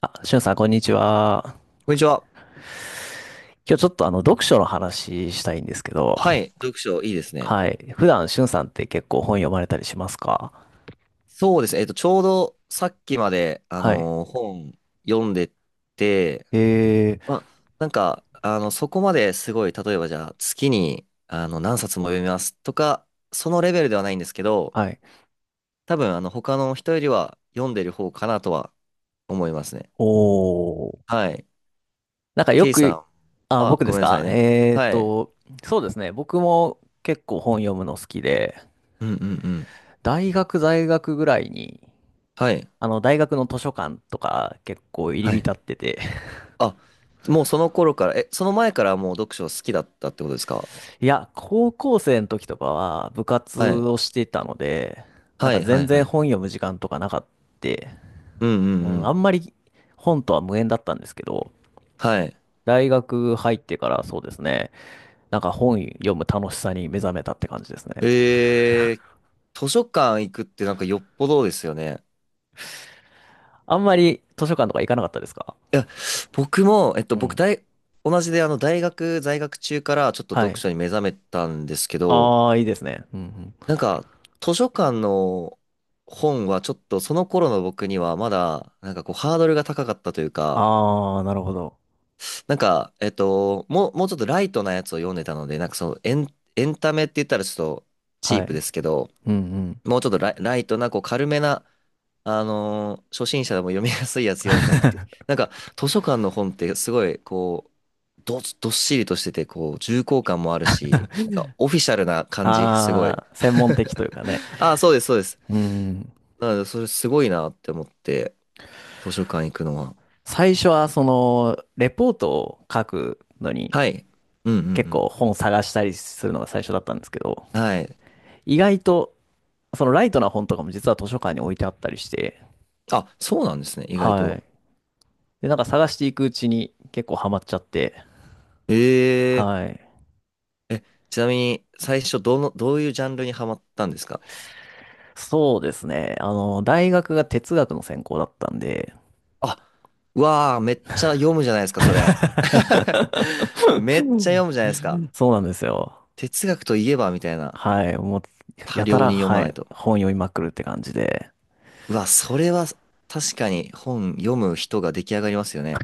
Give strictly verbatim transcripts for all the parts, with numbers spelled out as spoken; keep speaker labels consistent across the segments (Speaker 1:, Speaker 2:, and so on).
Speaker 1: あ、しゅんさん、こんにちは。
Speaker 2: こんにちは。
Speaker 1: 今日ちょっとあの、読書の話したいんですけど、
Speaker 2: はい。読書いいですね。
Speaker 1: はい。普段、しゅんさんって結構本読まれたりしますか？
Speaker 2: そうですね。えっと、ちょうどさっきまで、あ
Speaker 1: はい。
Speaker 2: のー本読んでて、
Speaker 1: えー、
Speaker 2: まあ、なんか、あの、そこまですごい、例えばじゃあ、月に、あの、何冊も読みますとか、そのレベルではないんですけど、
Speaker 1: はい。
Speaker 2: 多分、あの、他の人よりは読んでる方かなとは思いますね。
Speaker 1: おー。
Speaker 2: はい。
Speaker 1: なんかよ
Speaker 2: ケイさ
Speaker 1: く、
Speaker 2: ん。
Speaker 1: あ、
Speaker 2: あ、
Speaker 1: 僕で
Speaker 2: ごめ
Speaker 1: す
Speaker 2: んなさ
Speaker 1: か？
Speaker 2: いね。
Speaker 1: えー
Speaker 2: はい。
Speaker 1: と、そうですね。僕も結構本読むの好きで、
Speaker 2: うんうんうん。
Speaker 1: 大学在学ぐらいに、
Speaker 2: はい。
Speaker 1: あの、大学の図書館とか結構入り
Speaker 2: はい。
Speaker 1: 浸ってて、
Speaker 2: あ、もうその頃から、え、その前からもう読書好きだったってことですか？
Speaker 1: いや、高校生の時とかは部活
Speaker 2: はい
Speaker 1: をしていたので、なん
Speaker 2: は
Speaker 1: か
Speaker 2: いは
Speaker 1: 全
Speaker 2: いは
Speaker 1: 然
Speaker 2: い。
Speaker 1: 本読む時間とかなかった。
Speaker 2: うんう
Speaker 1: う
Speaker 2: んう
Speaker 1: ん、あ
Speaker 2: ん。
Speaker 1: んまり本とは無縁だったんですけど、
Speaker 2: はい。
Speaker 1: 大学入ってからそうですね、なんか本読む楽しさに目覚めたって感じですね。
Speaker 2: えー、図書館行くってなんかよっぽどですよね。
Speaker 1: あんまり図書館とか行かなかったですか？
Speaker 2: 僕も、えっと、
Speaker 1: う
Speaker 2: 僕
Speaker 1: ん。
Speaker 2: 大、同じであの大学在学中からちょっと
Speaker 1: は
Speaker 2: 読
Speaker 1: い。
Speaker 2: 書に目覚めたんですけど、
Speaker 1: ああ、いいですね。うんうん。
Speaker 2: なんか図書館の本はちょっとその頃の僕にはまだなんかこうハードルが高かったというか、
Speaker 1: ああ、なるほど。
Speaker 2: なんか、えっと、もう、もうちょっとライトなやつを読んでたので、なんかそのエン、エンタメって言ったらちょっとチ
Speaker 1: は
Speaker 2: ープで
Speaker 1: い。
Speaker 2: すけど、
Speaker 1: うんうん。
Speaker 2: もうちょっとライ、ライトなこう軽めなあのー初心者でも読みやすいやつ読んでたんでって。なんか、図書館の本ってすごい、こう、ど、どっしりとしてて、こう、重厚感もあるし、なんか、オフィシャルな感じ、すごい。
Speaker 1: ああ、専門的というかね。
Speaker 2: ああ、そうです、そうです。
Speaker 1: うん。
Speaker 2: なので、それすごいなって思って、図書館行くのは。
Speaker 1: 最初はそのレポートを書くのに
Speaker 2: はい。うんうん
Speaker 1: 結
Speaker 2: う
Speaker 1: 構本探したりするのが最初だったんですけど、
Speaker 2: ん。はい。
Speaker 1: 意外とそのライトな本とかも実は図書館に置いてあったりして、
Speaker 2: あ、そうなんですね、意外
Speaker 1: は
Speaker 2: と。
Speaker 1: い。で、なんか探していくうちに結構ハマっちゃって、
Speaker 2: え
Speaker 1: はい。
Speaker 2: ええ、ちなみに、最初、どの、どういうジャンルにハマったんですか？
Speaker 1: そうですね。あの、大学が哲学の専攻だったんで、
Speaker 2: あ、うわあ、めっちゃ読むじゃないですか、それ。めっちゃ読むじゃないですか。
Speaker 1: そうなんですよ。
Speaker 2: 哲学といえば、みたいな。
Speaker 1: はい。もう、
Speaker 2: 多
Speaker 1: やた
Speaker 2: 量
Speaker 1: ら、
Speaker 2: に読ま
Speaker 1: は
Speaker 2: ない
Speaker 1: い。
Speaker 2: と。
Speaker 1: 本読みまくるって感じで。
Speaker 2: うわ、それは確かに本読む人が出来上がりますよね。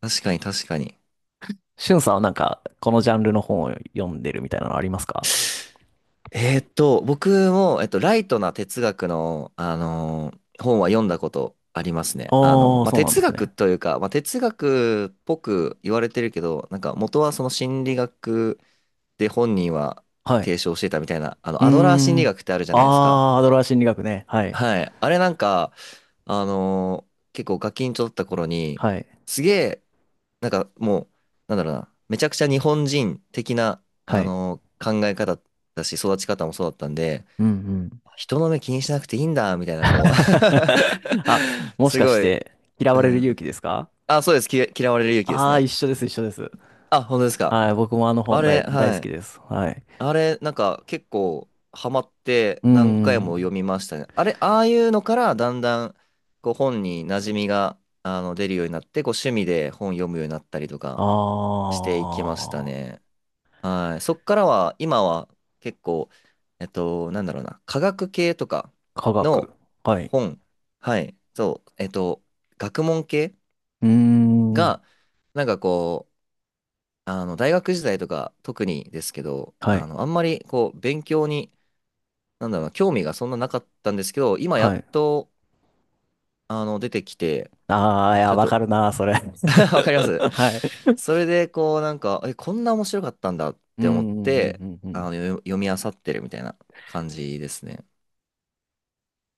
Speaker 2: 確かに確かに。
Speaker 1: しゅんさんはなんか、このジャンルの本を読んでるみたいなのありますか？
Speaker 2: えーっと、僕も、えっと、ライトな哲学の、あのー本は読んだことあります
Speaker 1: あ
Speaker 2: ね。あの、
Speaker 1: あー、
Speaker 2: まあ、
Speaker 1: そうなんで
Speaker 2: 哲
Speaker 1: す
Speaker 2: 学
Speaker 1: ね。
Speaker 2: というか、まあ、哲学っぽく言われてるけど、なんか元はその心理学で本人は
Speaker 1: はい。
Speaker 2: 提唱してたみたいな、あ
Speaker 1: う
Speaker 2: の、
Speaker 1: ー
Speaker 2: アドラー心理
Speaker 1: ん。
Speaker 2: 学ってあるじゃ
Speaker 1: あ
Speaker 2: ないですか。
Speaker 1: あ、アドラー心理学ね。はい。
Speaker 2: はい。あれなんか、あのー結構ガキンチョだった頃に、
Speaker 1: はい。
Speaker 2: すげえ、なんかもう、なんだろうな、めちゃくちゃ日本人的な、
Speaker 1: は
Speaker 2: あ
Speaker 1: い。
Speaker 2: のー考え方だし、育ち方もそうだったんで、
Speaker 1: うんうん。
Speaker 2: 人の目気にしなくていいんだ、みたいな、こう
Speaker 1: あ、もし
Speaker 2: す
Speaker 1: かし
Speaker 2: ごい、
Speaker 1: て、嫌
Speaker 2: う
Speaker 1: われる勇
Speaker 2: ん。
Speaker 1: 気ですか？
Speaker 2: あ、そうです。き嫌われる勇気です
Speaker 1: ああー、
Speaker 2: ね。
Speaker 1: 一緒です、一緒です。
Speaker 2: あ、本当ですか。
Speaker 1: はい。僕もあの本
Speaker 2: あれ、
Speaker 1: 大、大
Speaker 2: は
Speaker 1: 好き
Speaker 2: い。
Speaker 1: です。はい。
Speaker 2: あれ、なんか結構ハマって
Speaker 1: うん
Speaker 2: 何回
Speaker 1: うん。
Speaker 2: も読みましたね。あれ、ああいうのからだんだんこう本に馴染みがあの出るようになって、こう趣味で本読むようになったりと
Speaker 1: あ
Speaker 2: かしていきました
Speaker 1: あ、
Speaker 2: ね。はい。そっからは、今は結構、えっと、なんだろうな、科学系とか
Speaker 1: 科学。
Speaker 2: の
Speaker 1: はい。
Speaker 2: 本、はい、そう、えっと、学問系
Speaker 1: うーん。
Speaker 2: が、なんかこう、あの大学時代とか特にですけど、
Speaker 1: は
Speaker 2: あ
Speaker 1: い。
Speaker 2: の、あんまりこう勉強になんだろうな、興味がそんななかったんですけど、今や
Speaker 1: は
Speaker 2: っ
Speaker 1: い。
Speaker 2: と、あの、出てきて、
Speaker 1: ああ、い
Speaker 2: ち
Speaker 1: や、
Speaker 2: ょっ
Speaker 1: わか
Speaker 2: と
Speaker 1: るな、それ。
Speaker 2: わかります
Speaker 1: はい。
Speaker 2: それで、こう、なんか、え、こんな面白かったんだっ
Speaker 1: う
Speaker 2: て思っ
Speaker 1: んうんうん
Speaker 2: て、
Speaker 1: うんう
Speaker 2: あ
Speaker 1: ん。
Speaker 2: の、よ読み漁ってるみたいな感じですね。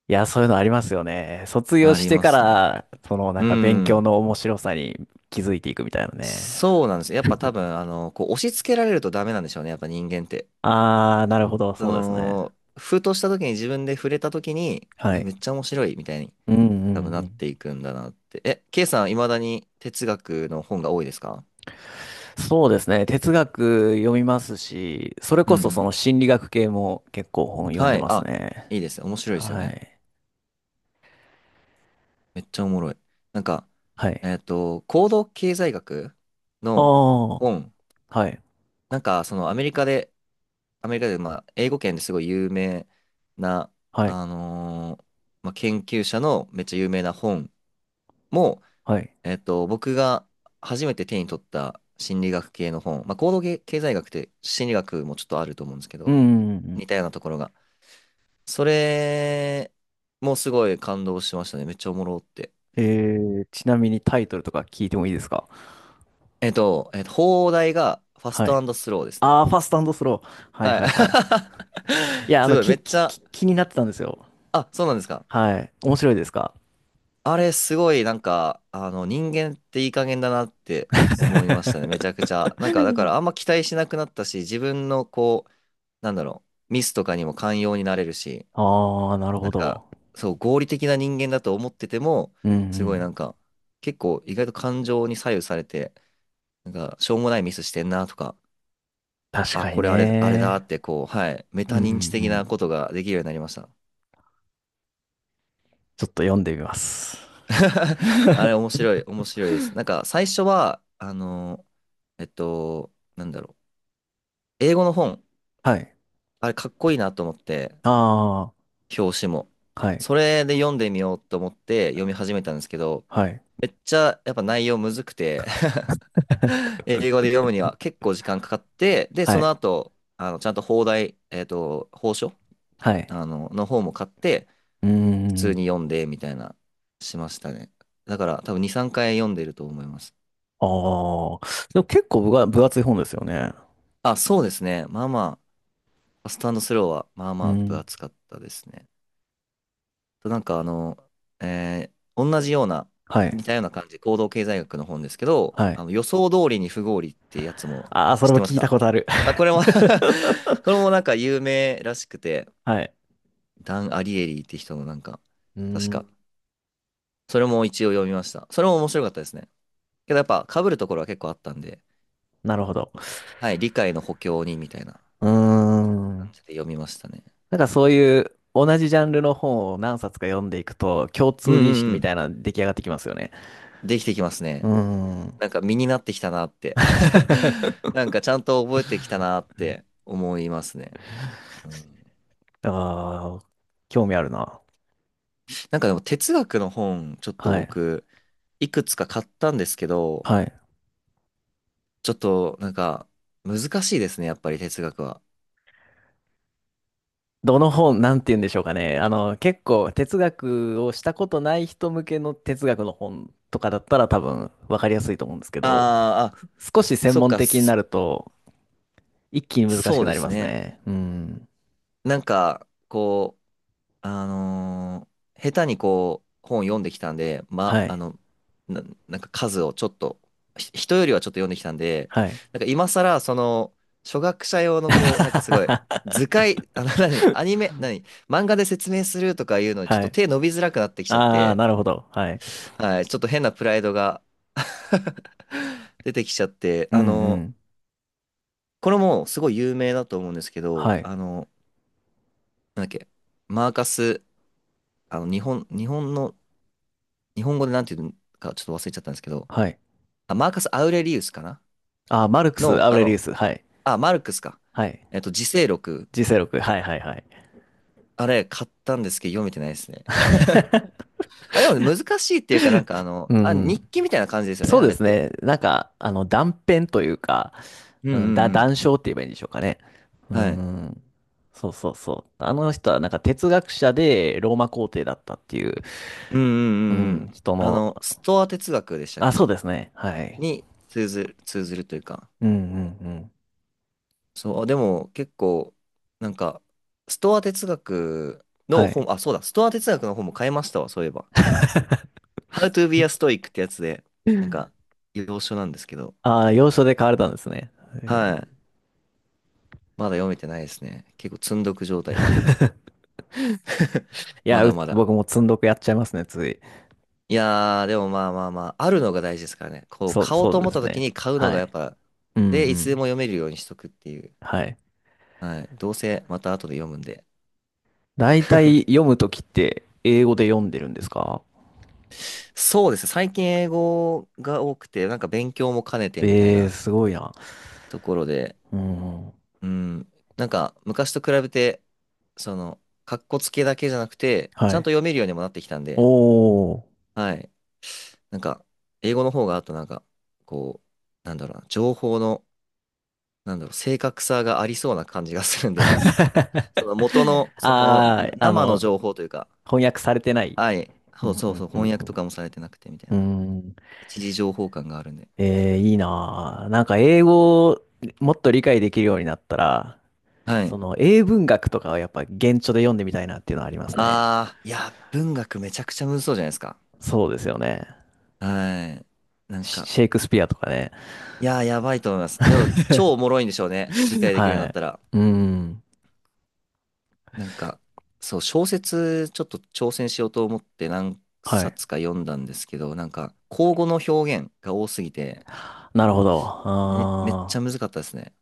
Speaker 1: いや、そういうのありますよね。卒業
Speaker 2: あ
Speaker 1: し
Speaker 2: り
Speaker 1: て
Speaker 2: ま
Speaker 1: か
Speaker 2: すね。
Speaker 1: ら、そのな
Speaker 2: う
Speaker 1: んか勉強
Speaker 2: ん。
Speaker 1: の面白さに気づいていくみたいなね。
Speaker 2: そうなんです。やっぱ多分、あの、こう、押し付けられるとダメなんでしょうね。やっぱ人間って。
Speaker 1: あー、なるほど、
Speaker 2: そ
Speaker 1: そうですね。
Speaker 2: の、ふとした時に自分で触れた時に、
Speaker 1: は
Speaker 2: え、め
Speaker 1: い。
Speaker 2: っちゃ面白いみたいに
Speaker 1: うんう
Speaker 2: 多分
Speaker 1: んう
Speaker 2: なっ
Speaker 1: ん。
Speaker 2: ていくんだなって。え、ケイさん、未だに哲学の本が多いですか？
Speaker 1: そうですね。哲学読みますし、それ
Speaker 2: う
Speaker 1: こ
Speaker 2: んう
Speaker 1: そその
Speaker 2: ん。
Speaker 1: 心理学系も結構本読ん
Speaker 2: は
Speaker 1: で
Speaker 2: い。
Speaker 1: ます
Speaker 2: あ、
Speaker 1: ね。
Speaker 2: いいですね。面白いですよ
Speaker 1: は
Speaker 2: ね。
Speaker 1: い。
Speaker 2: めっちゃおもろい。なんか、
Speaker 1: は
Speaker 2: え
Speaker 1: い。
Speaker 2: っと、行動経済学
Speaker 1: あ
Speaker 2: の
Speaker 1: ー、
Speaker 2: 本。
Speaker 1: はい。
Speaker 2: なんか、そのアメリカで、アメリカで、まあ、英語圏ですごい有名な、
Speaker 1: はい。
Speaker 2: あのーまあ、研究者のめっちゃ有名な本も、
Speaker 1: はい。
Speaker 2: えっと、僕が初めて手に取った心理学系の本。まあ、行動経済学って心理学もちょっとあると思うんですけ
Speaker 1: う
Speaker 2: ど、
Speaker 1: んうんうん。
Speaker 2: 似たようなところがそれもすごい感動しましたね。めっちゃおもろって。
Speaker 1: えー、ちなみにタイトルとか聞いてもいいですか？
Speaker 2: えっと、えっと、放題がファス
Speaker 1: はい。
Speaker 2: トスローですね。
Speaker 1: ああ、ファストスロー。はい
Speaker 2: は
Speaker 1: はいはい。いや、
Speaker 2: い。
Speaker 1: あ
Speaker 2: す
Speaker 1: の、
Speaker 2: ごい、め
Speaker 1: き、
Speaker 2: っち
Speaker 1: き、
Speaker 2: ゃ、
Speaker 1: き、気になってたんですよ。
Speaker 2: あ、そうなんですか。
Speaker 1: はい。面白いですか？
Speaker 2: あれ、すごい、なんか、あの、人間っていい加減だなって思いましたね。めちゃくちゃ。なんか、だから、あんま期待しなくなったし、自分の、こう、なんだろう、ミスとかにも寛容になれるし、
Speaker 1: ああー、なる
Speaker 2: なん
Speaker 1: ほ
Speaker 2: か、
Speaker 1: ど。
Speaker 2: そう、合理的な人間だと思ってても、
Speaker 1: うんう
Speaker 2: すごい、な
Speaker 1: ん。
Speaker 2: んか、結構、意外と感情に左右されて、なんか、しょうもないミスしてんなとか、
Speaker 1: 確
Speaker 2: あ、
Speaker 1: かに
Speaker 2: これあれ、あれだ
Speaker 1: ね。
Speaker 2: って、こう、はい、メ
Speaker 1: うん
Speaker 2: タ
Speaker 1: うんう
Speaker 2: 認知的なこ
Speaker 1: ん。
Speaker 2: とができるようになりました。
Speaker 1: ちょっと読んでみます。
Speaker 2: あれ、面白い、面白いです。なんか、最初は、あの、えっと、なんだろう。英語の本、
Speaker 1: はい。
Speaker 2: あれ、かっこいいなと思って、
Speaker 1: あ
Speaker 2: 表紙も。
Speaker 1: あ、は
Speaker 2: そ
Speaker 1: い。
Speaker 2: れで読んでみようと思って読み始めたんですけど、
Speaker 1: はい。
Speaker 2: めっちゃ、やっぱ内容むずくて 英語で読むには結構時間かかって、で、
Speaker 1: は
Speaker 2: そ
Speaker 1: い。
Speaker 2: の後、あの、ちゃんと放題、えっと、報書
Speaker 1: はい。
Speaker 2: あの、の方も買って、
Speaker 1: うー
Speaker 2: 普通
Speaker 1: ん。
Speaker 2: に読んで、みたいな、しましたね。だから多分に、さんかい読んでると思います。
Speaker 1: ああ。でも結構分が、分厚い本ですよね。
Speaker 2: あ、そうですね。まあまあ、ファストスローは、まあ
Speaker 1: う
Speaker 2: まあ、分
Speaker 1: ん。
Speaker 2: 厚かったですね。となんかあの、えー同じような、
Speaker 1: はい。
Speaker 2: 似たような感じ、行動経済学の本ですけど、
Speaker 1: はい。
Speaker 2: あの予想通りに不合理ってやつも
Speaker 1: ああ、そ
Speaker 2: 知
Speaker 1: れ
Speaker 2: っ
Speaker 1: も
Speaker 2: てます
Speaker 1: 聞いたこ
Speaker 2: か？
Speaker 1: とある。
Speaker 2: あ、これも これ もなんか有名らしくて、
Speaker 1: はい。
Speaker 2: ダン・アリエリーって人のなんか、
Speaker 1: うー
Speaker 2: 確
Speaker 1: ん。
Speaker 2: か、それも一応読みました。それも面白かったですね。けどやっぱ被るところは結構あったんで、
Speaker 1: なるほど。
Speaker 2: はい、理解の補強にみたいな
Speaker 1: うー
Speaker 2: 感
Speaker 1: ん。
Speaker 2: じで読みましたね。
Speaker 1: なんかそういう同じジャンルの本を何冊か読んでいくと共通
Speaker 2: うん
Speaker 1: 認識
Speaker 2: うんう
Speaker 1: みたい
Speaker 2: ん。
Speaker 1: なの出来上がってきますよね。
Speaker 2: できてきます
Speaker 1: うー
Speaker 2: ね。
Speaker 1: ん。
Speaker 2: なんか身になってきたなって なんかちゃんと覚えてきたなって思いますね。うん、
Speaker 1: ああ、興味あるな。
Speaker 2: なんかでも哲学の本、ちょっと
Speaker 1: はい。
Speaker 2: 僕、いくつか買ったんですけど、
Speaker 1: はい。
Speaker 2: ちょっとなんか難しいですね、やっぱり哲学は。
Speaker 1: どの本、なんて言うんでしょうかね。あの、結構哲学をしたことない人向けの哲学の本とかだったら多分分かりやすいと思うんですけど、
Speaker 2: あーあ、
Speaker 1: 少し専
Speaker 2: そっ
Speaker 1: 門
Speaker 2: か、
Speaker 1: 的に
Speaker 2: そ
Speaker 1: なると一気に難し
Speaker 2: そ
Speaker 1: く
Speaker 2: うで
Speaker 1: なり
Speaker 2: す
Speaker 1: ます
Speaker 2: ね。
Speaker 1: ね。うん。
Speaker 2: なんか、こあのー下手にこう、本読んできたんで、ま、
Speaker 1: は
Speaker 2: あ
Speaker 1: い。
Speaker 2: の、な、なんか数をちょっと、ひ人よりはちょっと読んできたんで、
Speaker 1: はい。
Speaker 2: なんか今更、その、初学者用のこう、なんかすごい、図解、あの、何、アニメ、何、漫画で説明するとかいうのにちょっ
Speaker 1: は
Speaker 2: と
Speaker 1: い。
Speaker 2: 手伸びづらくなってきちゃっ
Speaker 1: ああ、
Speaker 2: て、
Speaker 1: なるほど。はい。
Speaker 2: はい、ちょっと変なプライドが 出てきちゃって、
Speaker 1: う
Speaker 2: あ
Speaker 1: んう
Speaker 2: の、
Speaker 1: ん。
Speaker 2: これもすごい有名だと思うんですけど、
Speaker 1: はい。
Speaker 2: あの、なんだっけ、マーカス、あの、日本、日本の日本語でなんていうかちょっと忘れちゃったんですけど、
Speaker 1: はい。
Speaker 2: あ、マーカス・アウレリウスかな
Speaker 1: あ、マルクス、
Speaker 2: の、
Speaker 1: アウ
Speaker 2: あ
Speaker 1: レリウ
Speaker 2: の、
Speaker 1: ス。はい。
Speaker 2: あ、マルクスか。
Speaker 1: はい。
Speaker 2: えっと、自省録。
Speaker 1: g 録。はいはいはい。
Speaker 2: あれ、買ったんですけど、読めてないですね。あれでも難しいっていうか、なんかあの、
Speaker 1: う
Speaker 2: あ、
Speaker 1: ん。
Speaker 2: 日記みたいな感じですよね、
Speaker 1: そう
Speaker 2: あ
Speaker 1: で
Speaker 2: れっ
Speaker 1: す
Speaker 2: て。
Speaker 1: ね。なんか、あの、断片というか、
Speaker 2: うん
Speaker 1: うん、だ、
Speaker 2: うんう
Speaker 1: 断章って言えばいいんでしょうかね。う
Speaker 2: ん。はい。
Speaker 1: ん。そうそうそう。あの人はなんか哲学者でローマ皇帝だったっていう、
Speaker 2: うんう
Speaker 1: う
Speaker 2: んうんう
Speaker 1: ん、
Speaker 2: ん。
Speaker 1: 人
Speaker 2: あ
Speaker 1: の、
Speaker 2: の、ストア哲学でしたっ
Speaker 1: あ、そう
Speaker 2: け
Speaker 1: ですね。はい。
Speaker 2: に通ずる、通ずるというか。
Speaker 1: うんうんうん。
Speaker 2: そう、でも結構、なんか、ストア哲学の
Speaker 1: はい。
Speaker 2: 本、あ、そうだ、ストア哲学の本も買いましたわ、そういえば。ハウトゥビーアストイック ってやつで、なんか、要所なんですけど、
Speaker 1: ああ、要所で買われたんですね。
Speaker 2: は
Speaker 1: えー
Speaker 2: い。まだ読めてないですね。結構積んどく状態で。
Speaker 1: い
Speaker 2: ま
Speaker 1: や、
Speaker 2: だ
Speaker 1: う
Speaker 2: まだ。
Speaker 1: 僕も積んどくやっちゃいますね、つい。
Speaker 2: いやー、でもまあまあまあ、あるのが大事ですからね。こう、
Speaker 1: そう、
Speaker 2: 買おう
Speaker 1: そ
Speaker 2: と
Speaker 1: う
Speaker 2: 思
Speaker 1: で
Speaker 2: った
Speaker 1: す
Speaker 2: 時
Speaker 1: ね。
Speaker 2: に買うの
Speaker 1: は
Speaker 2: がやっ
Speaker 1: い。
Speaker 2: ぱ、
Speaker 1: うんう
Speaker 2: で、いつでも
Speaker 1: ん。
Speaker 2: 読めるようにしとくっていう。
Speaker 1: はい。
Speaker 2: はい。どうせまた後で読むんで。
Speaker 1: 大体読むときって英語で読んでるんですか？
Speaker 2: そうですね。最近英語が多くて、なんか勉強も兼ねてみたい
Speaker 1: ええー、
Speaker 2: な
Speaker 1: すごいな。
Speaker 2: ところで、
Speaker 1: うん。
Speaker 2: うん。なんか、昔と比べて、その、かっこつけだけじゃなくて、
Speaker 1: は
Speaker 2: ちゃん
Speaker 1: い。
Speaker 2: と読めるようにもなってきたんで、
Speaker 1: おー。
Speaker 2: はい。なんか、英語の方が、あとなんか、こう、なんだろうな、情報の、なんだろう、正確さがありそうな感じがするんで、その元 の、その、
Speaker 1: あ
Speaker 2: な
Speaker 1: ー、あ
Speaker 2: 生の
Speaker 1: の、
Speaker 2: 情報というか、
Speaker 1: 翻訳されてない。
Speaker 2: はい。
Speaker 1: う
Speaker 2: そう
Speaker 1: ん、
Speaker 2: そ
Speaker 1: う
Speaker 2: うそ
Speaker 1: ん、
Speaker 2: う、
Speaker 1: う
Speaker 2: 翻
Speaker 1: ん、う
Speaker 2: 訳と
Speaker 1: ん。
Speaker 2: かもされてなくてみた
Speaker 1: う
Speaker 2: い
Speaker 1: ー
Speaker 2: な。
Speaker 1: ん。
Speaker 2: 一時情報感があるんで。
Speaker 1: えー、いいなー。なんか英語をもっと理解できるようになったら、
Speaker 2: はい。
Speaker 1: その英文学とかはやっぱ原著で読んでみたいなっていうのはありますね。
Speaker 2: ああ、いや、文学めちゃくちゃむずそうじゃないですか。
Speaker 1: そうですよね。
Speaker 2: はい。なん
Speaker 1: シ
Speaker 2: か、
Speaker 1: シェイクスピアとかね。
Speaker 2: いやー、やばいと思います。でも、超おもろいんでしょうね。理 解できるように
Speaker 1: は
Speaker 2: なっ
Speaker 1: い。
Speaker 2: たら。
Speaker 1: うん。
Speaker 2: なんか、そう、小説、ちょっと挑戦しようと思って何
Speaker 1: はい。
Speaker 2: 冊か読んだんですけど、なんか、口語の表現が多すぎて、
Speaker 1: なるほど。
Speaker 2: めめっ
Speaker 1: あ
Speaker 2: ちゃ
Speaker 1: ー
Speaker 2: 難かったですね。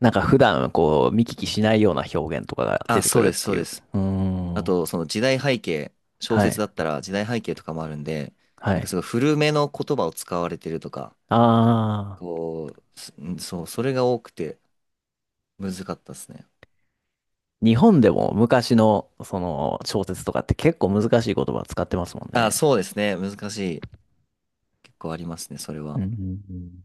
Speaker 1: なんか普段こう見聞きしないような表現とかが出
Speaker 2: あ、
Speaker 1: てく
Speaker 2: そう
Speaker 1: るっ
Speaker 2: です、
Speaker 1: て
Speaker 2: そう
Speaker 1: い
Speaker 2: で
Speaker 1: う。
Speaker 2: す。
Speaker 1: うー
Speaker 2: あ
Speaker 1: ん。
Speaker 2: と、その時代背景、小
Speaker 1: は
Speaker 2: 説
Speaker 1: い。
Speaker 2: だったら時代背景とかもあるんで、
Speaker 1: は
Speaker 2: なんか
Speaker 1: い。
Speaker 2: すごい古めの言葉を使われてるとか、
Speaker 1: ああ。
Speaker 2: こう、すんそう、それが多くて難かったですね。
Speaker 1: 日本でも昔のその小説とかって結構難しい言葉使ってますもん
Speaker 2: あ、
Speaker 1: ね。
Speaker 2: そうですね。難しい。結構ありますね、それ
Speaker 1: う
Speaker 2: は。
Speaker 1: んうんうん